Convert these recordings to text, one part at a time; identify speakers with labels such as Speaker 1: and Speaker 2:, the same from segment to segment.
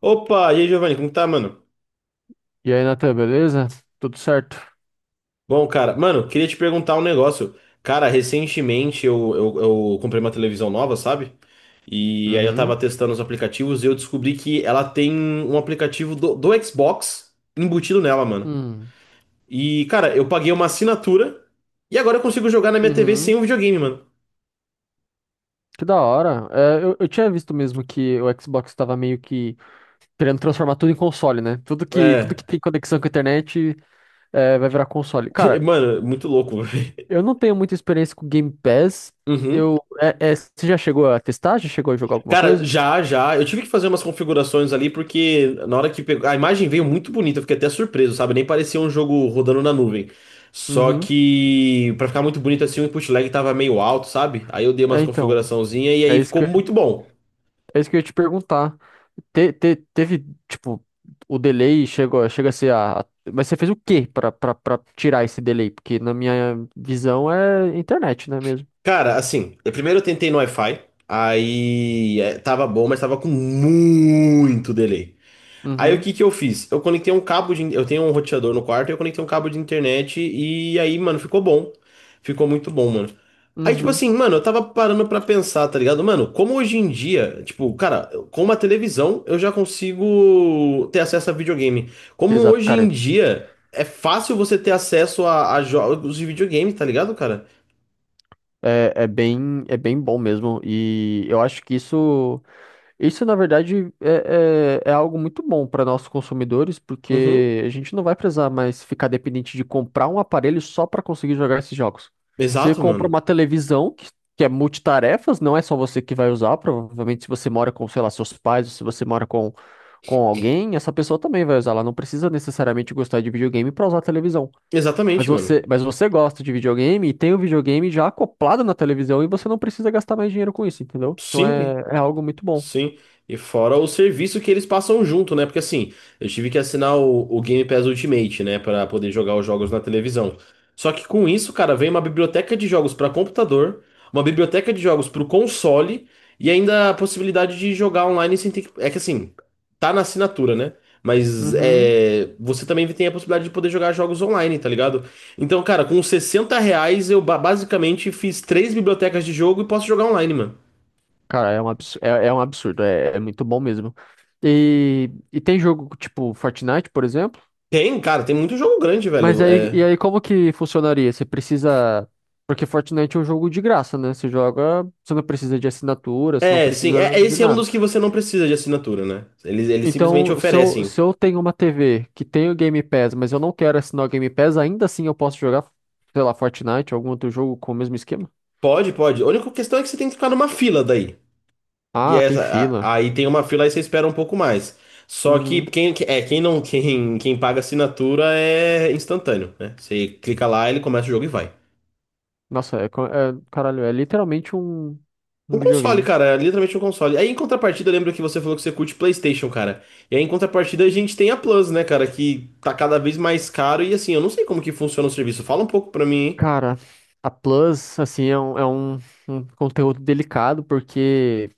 Speaker 1: Opa, e aí, Giovanni, como tá, mano?
Speaker 2: E aí, Natan, beleza? Tudo certo?
Speaker 1: Bom, cara, mano, queria te perguntar um negócio. Cara, recentemente eu comprei uma televisão nova, sabe? E aí eu tava
Speaker 2: Uhum.
Speaker 1: testando os aplicativos e eu descobri que ela tem um aplicativo do Xbox embutido nela, mano.
Speaker 2: Uhum.
Speaker 1: E, cara, eu paguei uma assinatura e agora eu consigo jogar na minha TV sem
Speaker 2: Uhum.
Speaker 1: o videogame, mano.
Speaker 2: Que da hora. Eu tinha visto mesmo que o Xbox estava meio que querendo transformar tudo em console, né? Tudo que
Speaker 1: É,
Speaker 2: tem conexão com a internet vai virar console. Cara,
Speaker 1: mano, muito louco. velho.
Speaker 2: eu não tenho muita experiência com Game Pass.
Speaker 1: Uhum.
Speaker 2: Você já chegou a testar? Já chegou a jogar alguma
Speaker 1: Cara,
Speaker 2: coisa?
Speaker 1: já, já. Eu tive que fazer umas configurações ali, porque na hora que pegou. A imagem veio muito bonita, eu fiquei até surpreso, sabe? Nem parecia um jogo rodando na nuvem. Só
Speaker 2: Uhum.
Speaker 1: que, pra ficar muito bonito assim, o input lag tava meio alto, sabe? Aí eu dei umas
Speaker 2: É, então.
Speaker 1: configuraçãozinhas e
Speaker 2: É
Speaker 1: aí
Speaker 2: isso
Speaker 1: ficou
Speaker 2: que eu,
Speaker 1: muito bom.
Speaker 2: é isso que eu ia te perguntar. Teve, tipo, o chega a ser mas você fez o quê pra tirar esse delay? Porque na minha visão é internet, né mesmo?
Speaker 1: Cara, assim, eu primeiro eu tentei no Wi-Fi, aí é, tava bom, mas tava com muito delay. Aí o
Speaker 2: Uhum,
Speaker 1: que que eu fiz? Eu conectei um cabo de. Eu tenho um roteador no quarto, eu conectei um cabo de internet e aí, mano, ficou bom. Ficou muito bom, mano. Aí, tipo
Speaker 2: uhum.
Speaker 1: assim, mano, eu tava parando pra pensar, tá ligado? Mano, como hoje em dia, tipo, cara, com uma televisão eu já consigo ter acesso a videogame. Como
Speaker 2: Exato,
Speaker 1: hoje em
Speaker 2: cara.
Speaker 1: dia é fácil você ter acesso a jogos de videogame, tá ligado, cara?
Speaker 2: É bem bom mesmo. E eu acho que isso. Isso, na verdade, é algo muito bom para nossos consumidores,
Speaker 1: Uhum.
Speaker 2: porque a gente não vai precisar mais ficar dependente de comprar um aparelho só para conseguir jogar esses jogos. Você
Speaker 1: Exato,
Speaker 2: compra uma
Speaker 1: mano.
Speaker 2: televisão, que é multitarefas, não é só você que vai usar, provavelmente se você mora com, sei lá, seus pais, ou se você mora com alguém, essa pessoa também vai usar. Ela não precisa necessariamente gostar de videogame para usar a televisão.
Speaker 1: Exatamente, mano.
Speaker 2: Mas você gosta de videogame e tem o videogame já acoplado na televisão e você não precisa gastar mais dinheiro com isso, entendeu? Então
Speaker 1: Sim.
Speaker 2: é, é algo muito bom.
Speaker 1: Sim, e fora o serviço que eles passam junto, né? Porque assim, eu tive que assinar o Game Pass Ultimate, né, pra poder jogar os jogos na televisão. Só que com isso, cara, vem uma biblioteca de jogos pra computador, uma biblioteca de jogos pro console e ainda a possibilidade de jogar online sem ter que... É que assim, tá na assinatura, né? Mas
Speaker 2: Uhum.
Speaker 1: é, você também tem a possibilidade de poder jogar jogos online, tá ligado? Então, cara, com R$ 60 eu basicamente fiz três bibliotecas de jogo e posso jogar online, mano.
Speaker 2: Cara, é um absurdo, é um absurdo, é muito bom mesmo. E tem jogo tipo Fortnite, por exemplo,
Speaker 1: Tem, cara, tem muito jogo grande,
Speaker 2: mas
Speaker 1: velho.
Speaker 2: aí,
Speaker 1: É,
Speaker 2: e aí como que funcionaria? Porque Fortnite é um jogo de graça, né? Você joga, você não precisa de assinatura, você não
Speaker 1: é sim.
Speaker 2: precisa
Speaker 1: É,
Speaker 2: de
Speaker 1: esse é um
Speaker 2: nada.
Speaker 1: dos que você não precisa de assinatura, né? Eles simplesmente
Speaker 2: Então,
Speaker 1: oferecem.
Speaker 2: se eu tenho uma TV que tem o Game Pass, mas eu não quero assinar o Game Pass, ainda assim eu posso jogar, sei lá, Fortnite, algum outro jogo com o mesmo esquema?
Speaker 1: Pode, pode. A única questão é que você tem que ficar numa fila daí. E
Speaker 2: Ah, tem fila.
Speaker 1: aí tem uma fila aí você espera um pouco mais. Só que
Speaker 2: Uhum.
Speaker 1: quem, que- é, quem não, quem paga assinatura é instantâneo, né? Você clica lá, ele começa o jogo e vai.
Speaker 2: Nossa, caralho, é literalmente
Speaker 1: Um
Speaker 2: um
Speaker 1: console,
Speaker 2: videogame.
Speaker 1: cara, é literalmente um console. Aí em contrapartida, eu lembro que você falou que você curte PlayStation, cara. E aí em contrapartida a gente tem a Plus, né, cara, que tá cada vez mais caro e assim, eu não sei como que funciona o serviço. Fala um pouco pra mim, hein?
Speaker 2: Cara, a Plus, assim, é um, um conteúdo delicado, porque,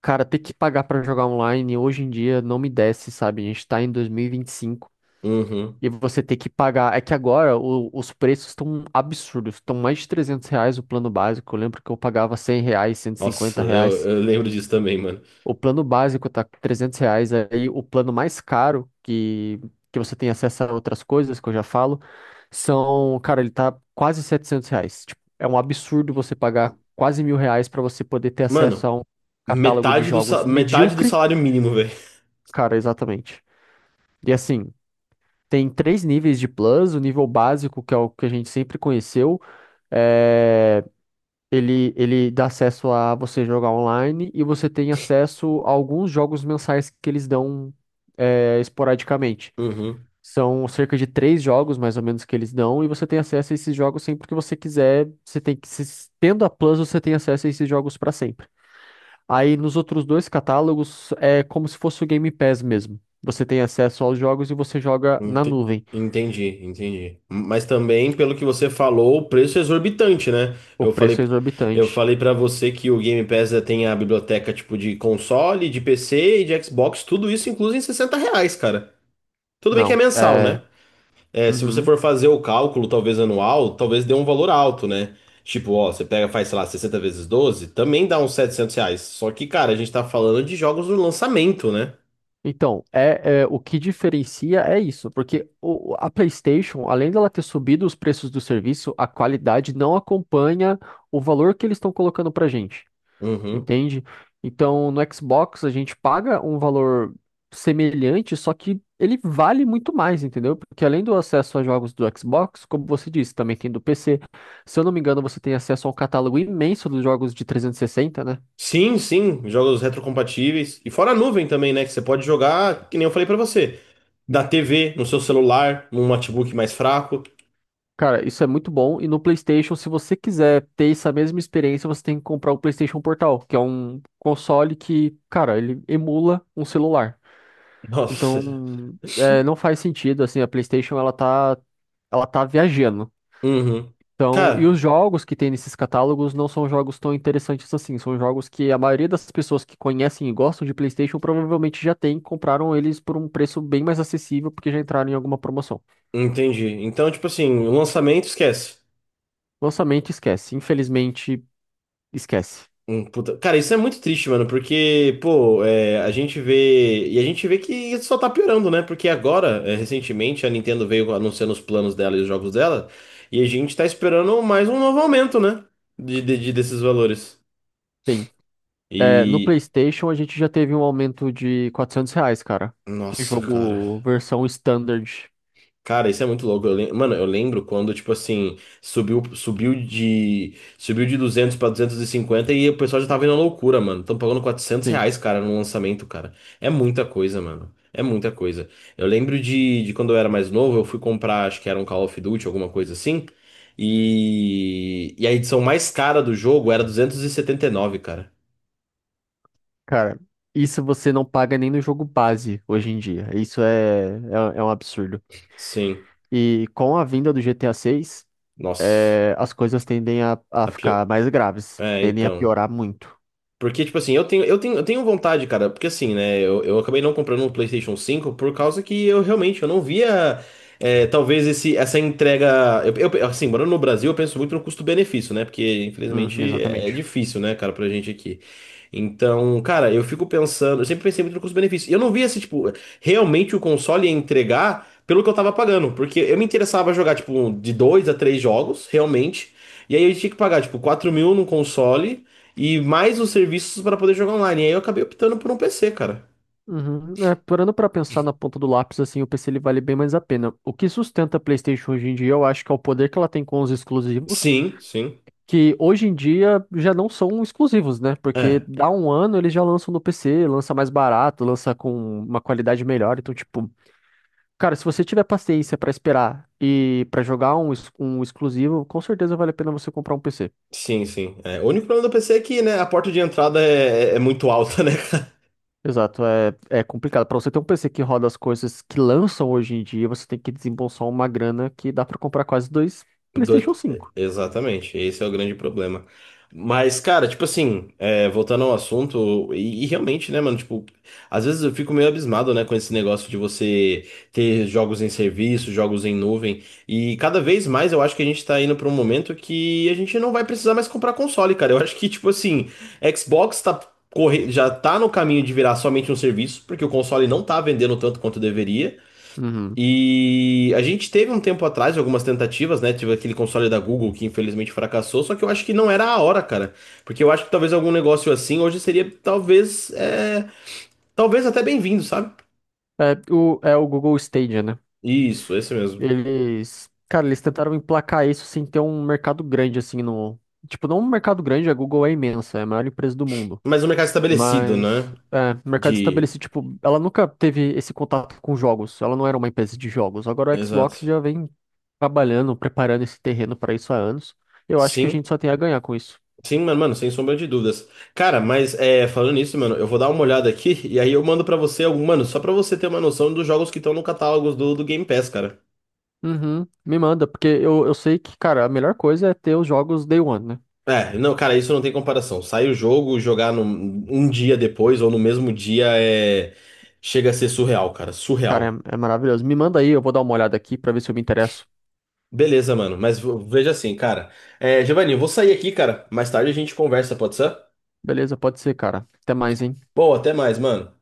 Speaker 2: cara, ter que pagar pra jogar online hoje em dia não me desce, sabe? A gente tá em dois mil e vinte e cinco
Speaker 1: Uhum.
Speaker 2: e você ter que pagar. É que agora os preços estão absurdos, estão mais de R$ 300 o plano básico. Eu lembro que eu pagava R$ 100, cento e
Speaker 1: Nossa,
Speaker 2: cinquenta
Speaker 1: eu,
Speaker 2: reais.
Speaker 1: eu lembro disso também, mano.
Speaker 2: O plano básico tá com R$ 300, aí o plano mais caro, que você tem acesso a outras coisas, que eu já falo, são, cara, ele tá quase R$ 700. Tipo, é um absurdo você pagar quase R$ 1.000 pra você poder ter acesso
Speaker 1: Mano,
Speaker 2: a um catálogo de
Speaker 1: metade
Speaker 2: jogos
Speaker 1: metade do
Speaker 2: medíocre.
Speaker 1: salário mínimo, velho.
Speaker 2: Cara, exatamente. E assim, tem três níveis de plus, o nível básico, que é o que a gente sempre conheceu, eh, ele dá acesso a você jogar online e você tem acesso a alguns jogos mensais que eles dão esporadicamente.
Speaker 1: Uhum.
Speaker 2: São cerca de três jogos, mais ou menos, que eles dão, e você tem acesso a esses jogos sempre que você quiser. Você tem que, se- tendo a Plus, você tem acesso a esses jogos para sempre. Aí nos outros dois catálogos é como se fosse o Game Pass mesmo. Você tem acesso aos jogos e você joga na
Speaker 1: Ente-
Speaker 2: nuvem.
Speaker 1: Entendi, entendi. Mas também, pelo que você falou, o preço é exorbitante, né?
Speaker 2: O
Speaker 1: Eu falei,
Speaker 2: preço é
Speaker 1: eu
Speaker 2: exorbitante.
Speaker 1: falei para você que o Game Pass já tem a biblioteca tipo de console, de PC e de Xbox, tudo isso incluso em R$ 60, cara. Tudo bem que é
Speaker 2: Não,
Speaker 1: mensal,
Speaker 2: é.
Speaker 1: né? É, se você
Speaker 2: Uhum.
Speaker 1: for fazer o cálculo, talvez anual, talvez dê um valor alto, né? Tipo, ó, você pega, faz, sei lá, 60 vezes 12, também dá uns R$ 700. Só que, cara, a gente tá falando de jogos do lançamento, né?
Speaker 2: Então, é, é, o que diferencia é isso, porque a PlayStation, além dela ter subido os preços do serviço, a qualidade não acompanha o valor que eles estão colocando pra gente,
Speaker 1: Uhum.
Speaker 2: entende? Então, no Xbox a gente paga um valor semelhante, só que ele vale muito mais, entendeu? Porque além do acesso a jogos do Xbox, como você disse, também tem do PC. Se eu não me engano, você tem acesso a um catálogo imenso dos jogos de 360, né?
Speaker 1: Sim, sim, jogos retrocompatíveis. E fora a nuvem também, né? Que você pode jogar, que nem eu falei pra você, da TV, no seu celular, num notebook mais fraco.
Speaker 2: Cara, isso é muito bom. E no PlayStation, se você quiser ter essa mesma experiência, você tem que comprar o PlayStation Portal, que é um console que, cara, ele emula um celular.
Speaker 1: Nossa.
Speaker 2: Então, é, não faz sentido, assim, a PlayStation, ela tá viajando.
Speaker 1: Uhum.
Speaker 2: Então, e os
Speaker 1: Cara,
Speaker 2: jogos que tem nesses catálogos não são jogos tão interessantes assim. São jogos que a maioria das pessoas que conhecem e gostam de PlayStation provavelmente já tem, compraram eles por um preço bem mais acessível, porque já entraram em alguma promoção.
Speaker 1: entendi. Então, tipo assim, o lançamento, esquece.
Speaker 2: Lançamento, esquece. Infelizmente, esquece.
Speaker 1: Cara, isso é muito triste, mano, porque, pô, é, a gente vê. E a gente vê que isso só tá piorando, né? Porque agora, é, recentemente, a Nintendo veio anunciando os planos dela e os jogos dela, e a gente tá esperando mais um novo aumento, né? Desses valores.
Speaker 2: Tem. É, no
Speaker 1: E.
Speaker 2: PlayStation a gente já teve um aumento de R$ 400, cara. Em
Speaker 1: Nossa, cara.
Speaker 2: Jogo versão standard.
Speaker 1: Cara, isso é muito louco. Mano, eu lembro quando, tipo assim, Subiu de 200 pra 250 e o pessoal já tava indo à loucura, mano. Tão pagando quatrocentos
Speaker 2: Sim,
Speaker 1: reais, cara, no lançamento, cara. É muita coisa, mano. É muita coisa. Eu lembro de quando eu era mais novo, eu fui comprar, acho que era um Call of Duty, alguma coisa assim. E. E a edição mais cara do jogo era 279 cara.
Speaker 2: cara. Isso você não paga nem no jogo base hoje em dia. É, é um absurdo.
Speaker 1: Sim.
Speaker 2: E com a vinda do GTA 6,
Speaker 1: Nossa.
Speaker 2: as coisas tendem a
Speaker 1: A pior.
Speaker 2: ficar mais graves.
Speaker 1: É,
Speaker 2: Tendem a
Speaker 1: então.
Speaker 2: piorar muito.
Speaker 1: Porque, tipo assim, eu tenho vontade, cara, porque assim, né, eu acabei não comprando um PlayStation 5 por causa que eu realmente eu não via, é, talvez, esse, essa entrega. Assim, morando no Brasil, eu penso muito no custo-benefício, né? Porque, infelizmente, é
Speaker 2: Exatamente.
Speaker 1: difícil, né, cara, pra gente aqui. Então, cara, eu fico pensando, eu sempre pensei muito no custo-benefício. E eu não via se, tipo, realmente o console ia entregar pelo que eu tava pagando, porque eu me interessava jogar, tipo, de 2 a 3 jogos, realmente. E aí eu tinha que pagar, tipo, 4 mil num console e mais os serviços para poder jogar online. E aí eu acabei optando por um PC, cara.
Speaker 2: Uhum. É, parando pra pensar na ponta do lápis, assim, o PC ele vale bem mais a pena. O que sustenta a PlayStation hoje em dia, eu acho que é o poder que ela tem com os exclusivos,
Speaker 1: Sim, sim.
Speaker 2: que hoje em dia já não são exclusivos, né? Porque
Speaker 1: É.
Speaker 2: dá um ano eles já lançam no PC, lança mais barato, lança com uma qualidade melhor. Então, tipo, cara, se você tiver paciência pra esperar e pra jogar um exclusivo, com certeza vale a pena você comprar um PC.
Speaker 1: Sim, sim. É. O único problema do PC é que, né, a porta de entrada é muito alta, né,
Speaker 2: Exato, é, é complicado. Para você ter um PC que roda as coisas que lançam hoje em dia, você tem que desembolsar uma grana que dá para comprar quase dois
Speaker 1: Dois...
Speaker 2: PlayStation
Speaker 1: é,
Speaker 2: cinco.
Speaker 1: exatamente, esse é o grande problema. Mas, cara, tipo assim, é, voltando ao assunto, e realmente, né, mano, tipo, às vezes eu fico meio abismado, né, com esse negócio de você ter jogos em serviço, jogos em nuvem, e cada vez mais eu acho que a gente tá indo pra um momento que a gente não vai precisar mais comprar console, cara. Eu acho que, tipo assim, Xbox tá corre... já tá no caminho de virar somente um serviço, porque o console não tá vendendo tanto quanto deveria.
Speaker 2: Uhum.
Speaker 1: E a gente teve um tempo atrás algumas tentativas, né? Tive aquele console da Google que infelizmente fracassou, só que eu acho que não era a hora, cara. Porque eu acho que talvez algum negócio assim hoje seria talvez, é, talvez até bem-vindo, sabe?
Speaker 2: É o, é o Google Stadia, né?
Speaker 1: Isso, esse mesmo.
Speaker 2: Eles, cara, eles tentaram emplacar isso sem ter um mercado grande assim no, tipo, não um mercado grande, a Google é imensa, é a maior empresa do mundo.
Speaker 1: Mas um mercado estabelecido,
Speaker 2: Mas,
Speaker 1: né?
Speaker 2: é, mercado
Speaker 1: De.
Speaker 2: estabelecido, tipo, ela nunca teve esse contato com jogos, ela não era uma empresa de jogos. Agora o Xbox
Speaker 1: Exato.
Speaker 2: já vem trabalhando, preparando esse terreno para isso há anos. Eu acho que a
Speaker 1: Sim,
Speaker 2: gente só tem a ganhar com isso.
Speaker 1: sim, mano, mano, sem sombra de dúvidas. Cara, mas é, falando nisso, mano, eu vou dar uma olhada aqui e aí eu mando pra você algum, mano, só pra você ter uma noção dos jogos que estão no catálogo do Game Pass, cara.
Speaker 2: Uhum, me manda, porque eu sei que, cara, a melhor coisa é ter os jogos Day One, né?
Speaker 1: É, não, cara, isso não tem comparação. Sai o jogo, jogar no, um dia depois ou no mesmo dia é. Chega a ser surreal, cara.
Speaker 2: Cara,
Speaker 1: Surreal.
Speaker 2: é maravilhoso. Me manda aí, eu vou dar uma olhada aqui para ver se eu me interesso.
Speaker 1: Beleza, mano. Mas veja assim, cara. É, Giovanni, eu vou sair aqui, cara. Mais tarde a gente conversa, pode ser?
Speaker 2: Beleza, pode ser, cara. Até mais, hein?
Speaker 1: Bom, até mais, mano.